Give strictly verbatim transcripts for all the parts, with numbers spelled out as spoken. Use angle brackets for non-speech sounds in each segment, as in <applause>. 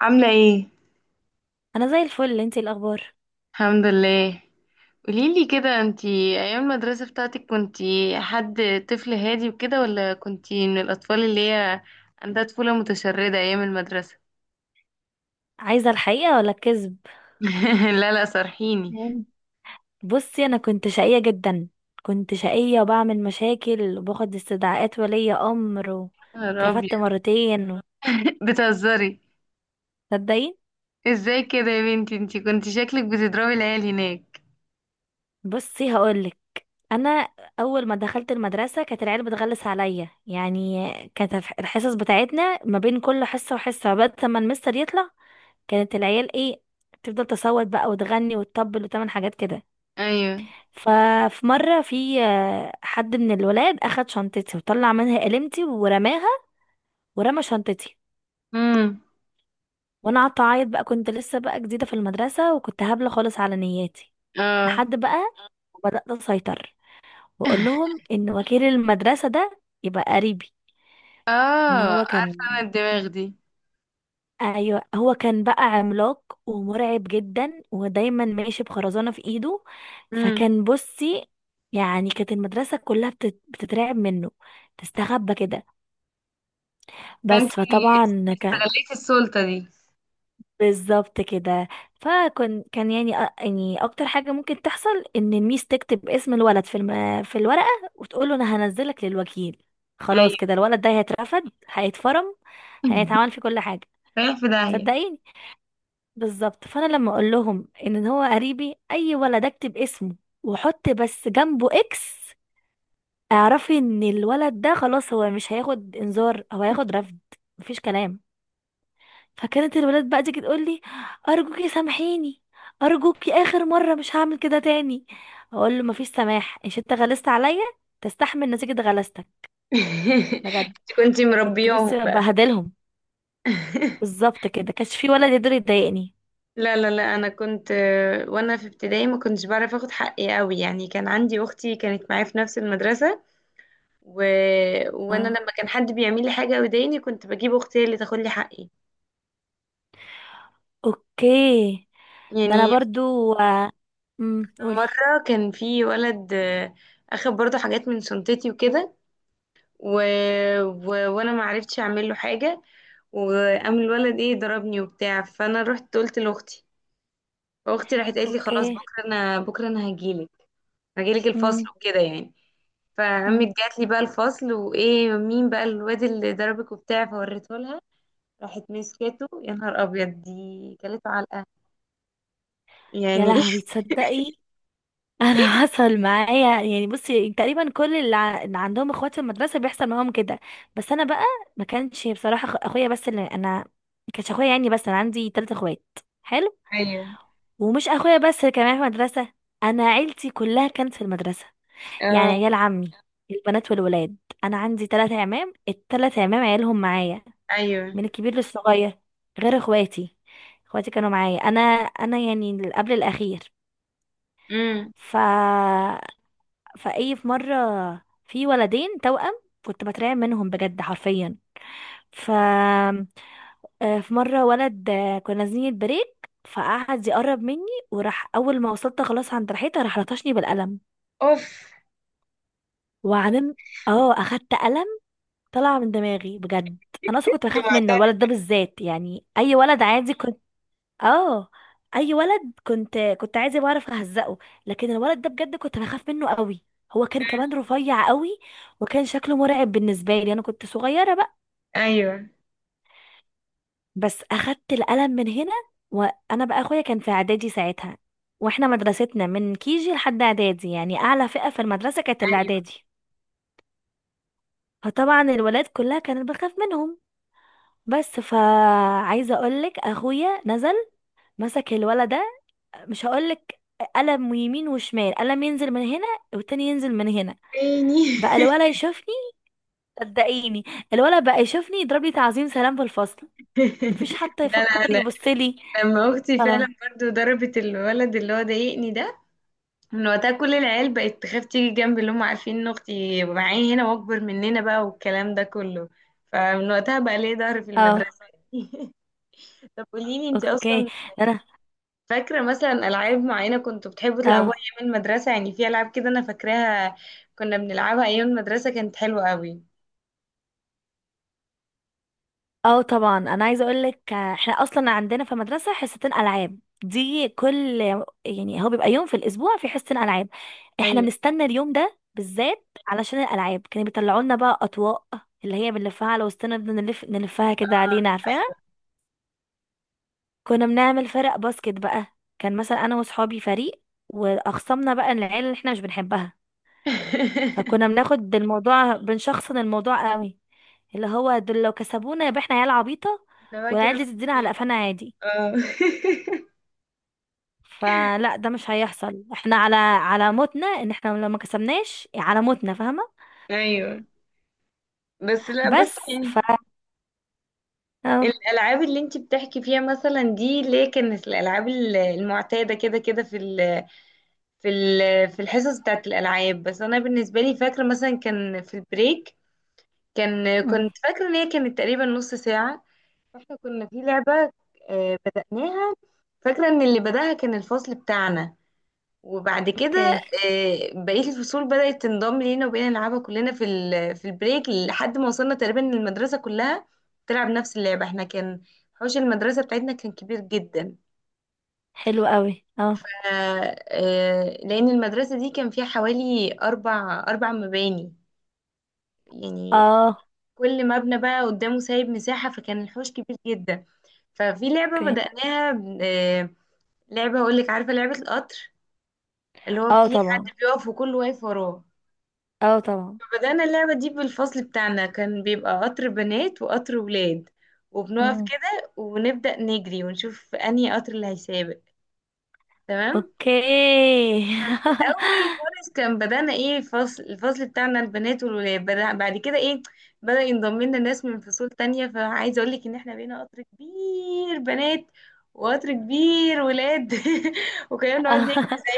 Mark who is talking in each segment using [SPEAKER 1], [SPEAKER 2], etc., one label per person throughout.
[SPEAKER 1] عاملة ايه؟
[SPEAKER 2] انا زي الفل. انتي إيه الاخبار؟
[SPEAKER 1] الحمد لله. قوليلي كده، انتي ايام المدرسة بتاعتك كنتي حد طفل هادي وكده، ولا كنتي من الأطفال اللي هي عندها طفولة متشردة ايام المدرسة؟
[SPEAKER 2] عايزه الحقيقه ولا الكذب؟
[SPEAKER 1] <laughs> لا لا، صرحيني.
[SPEAKER 2] تمام. بصي، انا كنت شقيه جدا. كنت شقيه وبعمل مشاكل وباخد استدعاءات ولي امر،
[SPEAKER 1] يا ربي.
[SPEAKER 2] واترفدت مرتين.
[SPEAKER 1] <laughs> بتهزري.
[SPEAKER 2] تصدقي.
[SPEAKER 1] ازاي كده يا بنتي؟ انتي كنتي شكلك بتضربي العيال هناك.
[SPEAKER 2] بصي، هقولك. انا اول ما دخلت المدرسه كانت العيال بتغلس عليا، يعني كانت الح- الحصص بتاعتنا ما بين كل حصه وحصه بعد ما المستر يطلع، كانت العيال ايه، تفضل تصوت بقى وتغني وتطبل وتعمل حاجات كده.
[SPEAKER 1] ايوه.
[SPEAKER 2] ففي مرة في آه، حد من الولاد أخد شنطتي وطلع منها قلمتي ورماها، ورمى شنطتي.
[SPEAKER 1] امم.
[SPEAKER 2] وأنا قعدت أعيط بقى، كنت لسه بقى جديدة في المدرسة وكنت هبلة خالص على نياتي.
[SPEAKER 1] اه.
[SPEAKER 2] لحد بقى وبدأت أسيطر وأقول
[SPEAKER 1] <laughs>
[SPEAKER 2] لهم إن وكيل المدرسة ده يبقى قريبي. إن
[SPEAKER 1] اه،
[SPEAKER 2] هو
[SPEAKER 1] عارفة
[SPEAKER 2] كان
[SPEAKER 1] انا الدماغ دي.
[SPEAKER 2] أيوة، هو كان بقى عملاق ومرعب جدا، ودايما ماشي بخرزانة في إيده.
[SPEAKER 1] امم
[SPEAKER 2] فكان، بصي، يعني كانت المدرسة كلها بتت- بتترعب منه، تستخبى كده. بس
[SPEAKER 1] فانتي
[SPEAKER 2] فطبعا كان
[SPEAKER 1] استغليتي السلطة دي.
[SPEAKER 2] بالظبط كده. فكان كان يعني أ- يعني اكتر حاجه ممكن تحصل ان الميس تكتب اسم الولد في الم... في الورقه وتقول له انا هنزلك للوكيل. خلاص
[SPEAKER 1] ايوه.
[SPEAKER 2] كده الولد ده هيترفض، هيتفرم،
[SPEAKER 1] <laughs>
[SPEAKER 2] هيتعمل في كل حاجه.
[SPEAKER 1] رايح في داهية.
[SPEAKER 2] صدقيني. بالظبط. فانا لما اقول لهم ان هو قريبي، اي ولد اكتب اسمه واحط بس جنبه اكس، اعرفي ان الولد ده خلاص، هو مش هياخد انذار، هو هياخد رفض، مفيش كلام. فكانت الولاد بقى تيجي تقول لي: ارجوكي سامحيني، ارجوكي اخر مره مش هعمل كده تاني. اقول له مفيش سماح، إيش انت غلست عليا، تستحمل نتيجه غلستك.
[SPEAKER 1] <laughs>
[SPEAKER 2] بجد،
[SPEAKER 1] انت كنتي
[SPEAKER 2] كنت،
[SPEAKER 1] مربياهم
[SPEAKER 2] بصي،
[SPEAKER 1] بقى.
[SPEAKER 2] بهدلهم.
[SPEAKER 1] <laughs>
[SPEAKER 2] بالظبط كده، كانش في ولا يقدر يضايقني.
[SPEAKER 1] لا لا لا، انا كنت، آه، وانا في ابتدائي ما كنتش بعرف اخد حقي قوي، يعني كان عندي اختي كانت معايا في نفس المدرسة. و... وانا
[SPEAKER 2] اه،
[SPEAKER 1] لما كان حد بيعمل لي حاجة ويضايقني كنت بجيب اختي هي اللي تاخد لي حقي،
[SPEAKER 2] اوكي. ده انا
[SPEAKER 1] يعني.
[SPEAKER 2] برضو. امم
[SPEAKER 1] في
[SPEAKER 2] قولي.
[SPEAKER 1] مرة كان في ولد، آه، اخد برضو حاجات من شنطتي وكده. و... و... وانا ما عرفتش اعمل له حاجة، وقام الولد ايه ضربني وبتاع، فانا رحت قلت لاختي، واختي راحت قالت لي: خلاص
[SPEAKER 2] اوكي.
[SPEAKER 1] بكره، انا بكره انا هجيلك، هجيلك
[SPEAKER 2] امم.
[SPEAKER 1] الفصل وكده يعني. فقامت جات لي بقى الفصل وايه مين بقى الواد اللي ضربك وبتاع، فوريته لها. راحت مسكته، يا نهار ابيض دي كلته علقه
[SPEAKER 2] يا
[SPEAKER 1] يعني.
[SPEAKER 2] لهوي،
[SPEAKER 1] <laughs>
[SPEAKER 2] تصدقي، انا <laughs> حصل معايا يعني، بصي، تقريبا كل اللي ع- اللي عندهم اخوات في المدرسه بيحصل معاهم كده. بس انا بقى ما كانش بصراحه أخ- اخويا بس، اللي انا ما كانش اخويا يعني بس، انا عندي ثلاثة اخوات. حلو.
[SPEAKER 1] ايوه.
[SPEAKER 2] ومش اخويا بس اللي كان معايا في المدرسه، انا عيلتي كلها كانت في المدرسه، يعني
[SPEAKER 1] اه.
[SPEAKER 2] عيال عمي، البنات والولاد. انا عندي ثلاثة عمام، الثلاث عمام عيالهم معايا،
[SPEAKER 1] ايوه.
[SPEAKER 2] من الكبير للصغير، غير اخواتي. اخواتي كانوا معايا. انا انا يعني قبل الاخير.
[SPEAKER 1] امم.
[SPEAKER 2] فا، فاي، في مره، في ولدين توأم كنت بترعب منهم بجد، حرفيا. ف، آه، في مره ولد، آه، كنا نازلين البريك فقعد يقرب مني، وراح اول ما وصلت خلاص عند ريحتها راح لطشني بالقلم
[SPEAKER 1] اوف.
[SPEAKER 2] وعلم. اه، اخدت قلم طلع من دماغي بجد. انا اصلا كنت
[SPEAKER 1] كنت
[SPEAKER 2] بخاف منه
[SPEAKER 1] معترف.
[SPEAKER 2] الولد ده بالذات، يعني اي ولد عادي، اه، اي ولد كنت كنت عايزه بعرف اهزقه، لكن الولد ده بجد كنت بخاف منه قوي. هو كان كمان رفيع قوي، وكان شكله مرعب بالنسبه لي. انا كنت صغيره بقى.
[SPEAKER 1] ايوه.
[SPEAKER 2] بس اخدت القلم من هنا، وانا بقى اخويا كان في اعدادي ساعتها، واحنا مدرستنا من كيجي لحد اعدادي، يعني اعلى فئه في المدرسه كانت
[SPEAKER 1] ايوه.
[SPEAKER 2] الاعدادي، فطبعا الولاد كلها كانت بخاف منهم. بس، فعايزه اقولك، اخويا نزل مسك الولد، مش هقولك، قلم يمين وشمال، قلم ينزل من هنا والتاني ينزل من هنا. بقى
[SPEAKER 1] تاني.
[SPEAKER 2] الولا يشوفني، صدقيني، الولا بقى يشوفني يضرب لي تعظيم سلام في الفصل، مفيش
[SPEAKER 1] <laughs>
[SPEAKER 2] حتى
[SPEAKER 1] لا
[SPEAKER 2] يفكر
[SPEAKER 1] لا لا.
[SPEAKER 2] يبص لي.
[SPEAKER 1] لما اختي فعلا
[SPEAKER 2] انا،
[SPEAKER 1] برضو ضربت الولد اللي هو ضايقني ده، من وقتها كل العيال بقت تخاف تيجي جنبي، اللي هم عارفين ان اختي معايا هنا واكبر مننا بقى والكلام ده كله. فمن وقتها بقى ليه ظهر في
[SPEAKER 2] اه،
[SPEAKER 1] المدرسة، يعني. <laughs> طب قوليلي انت
[SPEAKER 2] اوكي.
[SPEAKER 1] اصلا،
[SPEAKER 2] ده انا.
[SPEAKER 1] فاكرة مثلا العاب معينة كنتوا بتحبوا تلعبوها
[SPEAKER 2] اه،
[SPEAKER 1] ايام المدرسة؟ يعني في العاب كده انا فاكراها كنا بنلعبها ايام المدرسة كانت حلوة قوي.
[SPEAKER 2] اه طبعا. انا عايزه اقول لك احنا اصلا عندنا في المدرسه حصتين العاب دي كل، يعني هو بيبقى يوم في الاسبوع في حصتين العاب. احنا
[SPEAKER 1] ايوه.
[SPEAKER 2] بنستنى اليوم ده بالذات علشان الالعاب، كانوا بيطلعوا لنا بقى اطواق اللي هي بنلفها على وسطنا، نفضل نلف نلفها كده علينا، عارفاها. كنا بنعمل فرق باسكت بقى. كان مثلا انا واصحابي فريق، واخصمنا بقى العيال اللي احنا مش بنحبها. فكنا
[SPEAKER 1] <laughs>
[SPEAKER 2] بناخد الموضوع، بنشخصن الموضوع قوي، اللي هو دول لو كسبونا يبقى احنا عيال عبيطه
[SPEAKER 1] احنا بقى كده
[SPEAKER 2] والعيال دي تدينا
[SPEAKER 1] مبسوطين.
[SPEAKER 2] على قفانا عادي.
[SPEAKER 1] اه.
[SPEAKER 2] فلا، ده مش هيحصل. احنا على على موتنا ان احنا لو ما كسبناش، على موتنا، فاهمة.
[SPEAKER 1] <laughs> ايوه. بس لا، بص
[SPEAKER 2] بس، ف،
[SPEAKER 1] يعني،
[SPEAKER 2] اه،
[SPEAKER 1] الالعاب اللي انت بتحكي فيها مثلا دي ليه كانت الالعاب ال- المعتاده كده كده، في ال في ال في الحصص بتاعت الالعاب. بس انا بالنسبه لي فاكره مثلا كان في البريك، كان
[SPEAKER 2] أمم،
[SPEAKER 1] كنت فاكره ان هي كانت تقريبا نص ساعه. فاحنا كنا في لعبه، آه، بدأناها. فاكره ان اللي بدأها كان الفصل بتاعنا، وبعد كده،
[SPEAKER 2] اوكي،
[SPEAKER 1] آه، بقية الفصول بدأت تنضم لينا وبقينا نلعبها كلنا في ال- في البريك لحد ما وصلنا تقريبا إن المدرسة كلها تلعب نفس اللعبة. احنا كان حوش المدرسة بتاعتنا كان كبير جدا،
[SPEAKER 2] حلو قوي، اه،
[SPEAKER 1] آه، آه، لأن المدرسة دي كان فيها حوالي أربع أربع مباني يعني.
[SPEAKER 2] اه،
[SPEAKER 1] كل مبنى بقى قدامه سايب مساحة، فكان الحوش كبير جدا. ففي لعبة
[SPEAKER 2] اوكي،
[SPEAKER 1] بدأناها، آه، لعبة هقولك، عارفة لعبة القطر؟ اللي هو
[SPEAKER 2] اه،
[SPEAKER 1] في حد
[SPEAKER 2] طبعا،
[SPEAKER 1] بيقف وكله واقف وراه.
[SPEAKER 2] اه، طبعا،
[SPEAKER 1] بدأنا اللعبة دي بالفصل بتاعنا، كان بيبقى قطر بنات وقطر ولاد، وبنقف
[SPEAKER 2] أمم،
[SPEAKER 1] كده ونبدأ نجري ونشوف أنهي قطر اللي هيسابق. تمام.
[SPEAKER 2] اوكي، <laughs>
[SPEAKER 1] الأول خالص كان بدأنا إيه الفصل الفصل بتاعنا البنات والولاد بدأ، بعد كده إيه بدأ ينضم لنا ناس من فصول تانية، فعايزة أقولك إن إحنا بقينا قطر كبير بنات وقطر كبير ولاد. <laughs> وكنا بنقعد
[SPEAKER 2] اه،
[SPEAKER 1] نجري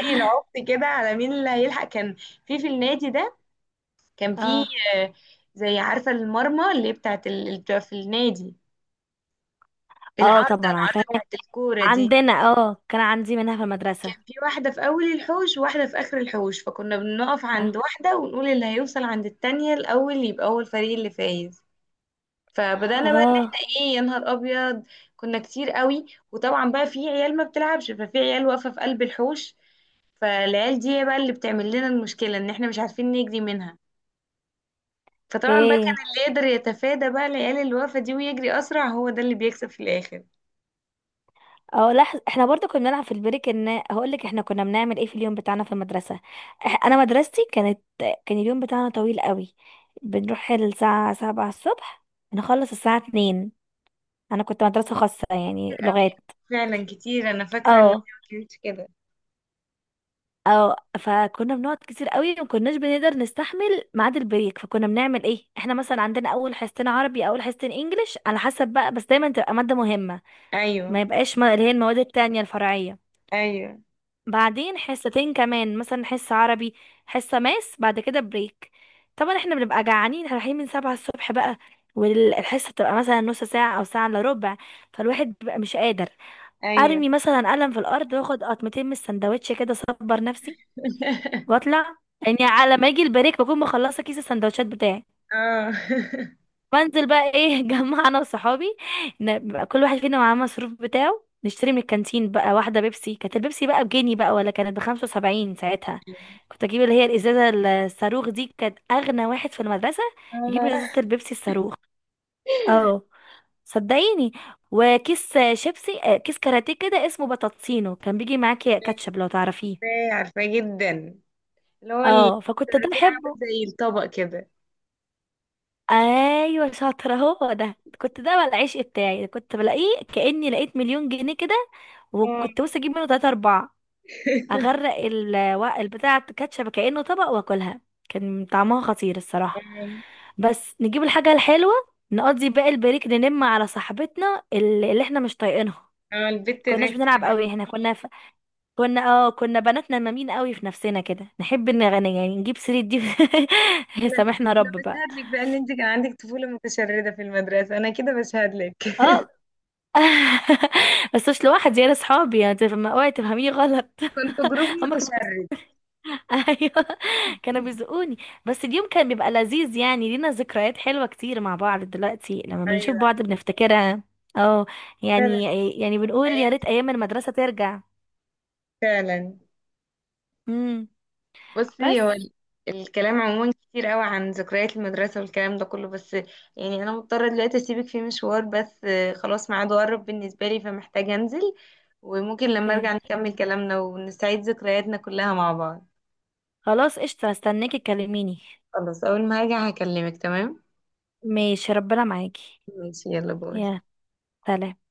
[SPEAKER 1] زي العبط كده على مين اللي هيلحق. كان في في النادي ده كان في،
[SPEAKER 2] اه،
[SPEAKER 1] آه، زي عارفة المرمى اللي هي بتاعت ال... اللي بتبقى في النادي،
[SPEAKER 2] آه،
[SPEAKER 1] العارضة
[SPEAKER 2] طبعا
[SPEAKER 1] العارضة
[SPEAKER 2] عارفاها.
[SPEAKER 1] بتاعت الكورة دي.
[SPEAKER 2] عندنا، اه كان عندي منها في المدرسة.
[SPEAKER 1] كان في واحدة في أول الحوش وواحدة في آخر الحوش، فكنا بنقف
[SPEAKER 2] اه،
[SPEAKER 1] عند واحدة ونقول اللي هيوصل عند التانية الأول يبقى هو الفريق اللي فايز. فبدأنا بقى إن
[SPEAKER 2] آه،
[SPEAKER 1] احنا إيه، يا نهار أبيض كنا كتير قوي. وطبعا بقى في عيال ما بتلعبش، ففي عيال واقفة في قلب الحوش، فالعيال دي هي بقى اللي بتعمل لنا المشكلة إن احنا مش عارفين نجري منها. فطبعا بقى كان
[SPEAKER 2] اوكي.
[SPEAKER 1] اللي يقدر يتفادى بقى العيال الوقفة دي ويجري أسرع هو ده اللي بيكسب في الآخر.
[SPEAKER 2] اه لحظة، احنا برضو كنا بنلعب في البريك. ان هقول لك احنا كنا بنعمل ايه في اليوم بتاعنا في المدرسة. إح- انا مدرستي كانت كان اليوم بتاعنا طويل قوي، بنروح الساعة سبعة الصبح، نخلص الساعة اتنين. انا كنت مدرسة خاصة يعني، لغات.
[SPEAKER 1] فعلا كتير. أنا فاكرة إن هي
[SPEAKER 2] اه،
[SPEAKER 1] ما كانتش كده.
[SPEAKER 2] اه، فكنا بنقعد كتير قوي، ومكناش بنقدر نستحمل ميعاد البريك. فكنا بنعمل ايه، احنا مثلا عندنا اول حصتين عربي، اول حصتين انجليش، على حسب بقى، بس دايما تبقى مادة مهمة، ما
[SPEAKER 1] أيوه.
[SPEAKER 2] يبقاش، ما اللي هي المواد التانية الفرعية.
[SPEAKER 1] أيوه.
[SPEAKER 2] بعدين حصتين كمان، مثلا حصة عربي، حصة ماس، بعد كده بريك. طبعا احنا بنبقى جعانين، احنا رايحين من سبعة الصبح بقى، والحصة بتبقى مثلا نص ساعة أو ساعة إلا ربع، فالواحد بيبقى مش قادر.
[SPEAKER 1] أيوه.
[SPEAKER 2] أرمي مثلا قلم في الأرض وآخد قطمتين من السندوتش كده، أصبر نفسي
[SPEAKER 1] <laughs>
[SPEAKER 2] وأطلع، يعني على ما يجي البريك بكون مخلصة كيس السندوتشات بتاعي.
[SPEAKER 1] اه. <laughs>
[SPEAKER 2] بنزل بقى ايه <laughs> جمع انا وصحابي، ن- بقى كل واحد فينا معاه مصروف بتاعه، نشتري من الكانتين بقى واحدة بيبسي. كانت البيبسي بقى بجنيه بقى، ولا كانت بخمسة وسبعين ساعتها. كنت اجيب اللي هي الازازة الصاروخ دي، كانت اغنى واحد في المدرسة يجيب ازازة
[SPEAKER 1] اه.
[SPEAKER 2] البيبسي الصاروخ. اه، صدقيني. وكيس شيبسي، آه، كيس كاراتيه كده اسمه بطاطسينو، كان بيجي معاكي
[SPEAKER 1] عارفاه.
[SPEAKER 2] كاتشب، لو تعرفيه.
[SPEAKER 1] عارفاه جدا. اللي هو ال-
[SPEAKER 2] اه، فكنت ده
[SPEAKER 1] الكاراتيه عامل
[SPEAKER 2] بحبه.
[SPEAKER 1] زي الطبق كده.
[SPEAKER 2] ايوه، شاطره، هو ده، كنت، ده بقى العشق بتاعي، كنت بلاقيه كاني لقيت مليون جنيه كده،
[SPEAKER 1] اه.
[SPEAKER 2] وكنت بص اجيب منه تلاتة اربعة،
[SPEAKER 1] <laughs>
[SPEAKER 2] اغرق الوق البتاع كاتشب كانه طبق واكلها. كان طعمها خطير الصراحه.
[SPEAKER 1] اه.
[SPEAKER 2] بس نجيب الحاجه الحلوه، نقضي باقي البريك، ننم على صاحبتنا اللي اللي احنا مش طايقينها.
[SPEAKER 1] آه، البت
[SPEAKER 2] كناش
[SPEAKER 1] الرخمة.
[SPEAKER 2] بنلعب قوي، احنا كنا ف... كنا، اه، كنا بنات نمامين قوي في نفسنا كده، نحب نغني يعني، نجيب سيرة دي.
[SPEAKER 1] أنا
[SPEAKER 2] <laughs> سامحنا
[SPEAKER 1] أنا
[SPEAKER 2] رب بقى.
[SPEAKER 1] بشهد لك بقى إن أنت كان عندك طفولة متشردة في المدرسة، أنا كده بشهد لك. <laughs>
[SPEAKER 2] اه، <laughs> بس مش لوحدي انا، اصحابي يعني، تف- ما- اوعي تفهميني غلط.
[SPEAKER 1] كنت جروب
[SPEAKER 2] <laughs> هما كانوا بي...
[SPEAKER 1] متشرد.
[SPEAKER 2] <laughs> ايوه، كانوا بيزقوني. بس اليوم كان بيبقى لذيذ يعني، لينا ذكريات حلوة كتير مع بعض، دلوقتي لما بنشوف
[SPEAKER 1] أيوه
[SPEAKER 2] بعض بنفتكرها. اه،
[SPEAKER 1] فعلا.
[SPEAKER 2] يعني يعني بنقول يا
[SPEAKER 1] أيام،
[SPEAKER 2] ريت ايام المدرسة ترجع.
[SPEAKER 1] فعلا.
[SPEAKER 2] امم.
[SPEAKER 1] بصي هو
[SPEAKER 2] بس،
[SPEAKER 1] ال- الكلام عموما كتير قوي عن ذكريات المدرسة والكلام ده كله، بس يعني أنا مضطرة دلوقتي أسيبك في مشوار بس، آه، خلاص ميعاده قرب بالنسبة لي، فمحتاجة أنزل، وممكن لما أرجع
[SPEAKER 2] اوكي،
[SPEAKER 1] نكمل كلامنا ونستعيد ذكرياتنا كلها مع بعض.
[SPEAKER 2] خلاص، قشطة، استناكي تكلميني.
[SPEAKER 1] خلاص، أول ما أرجع هكلمك، تمام؟
[SPEAKER 2] ماشي، ربنا معاكي.
[SPEAKER 1] ماشي، يلا باي.
[SPEAKER 2] يا سلام.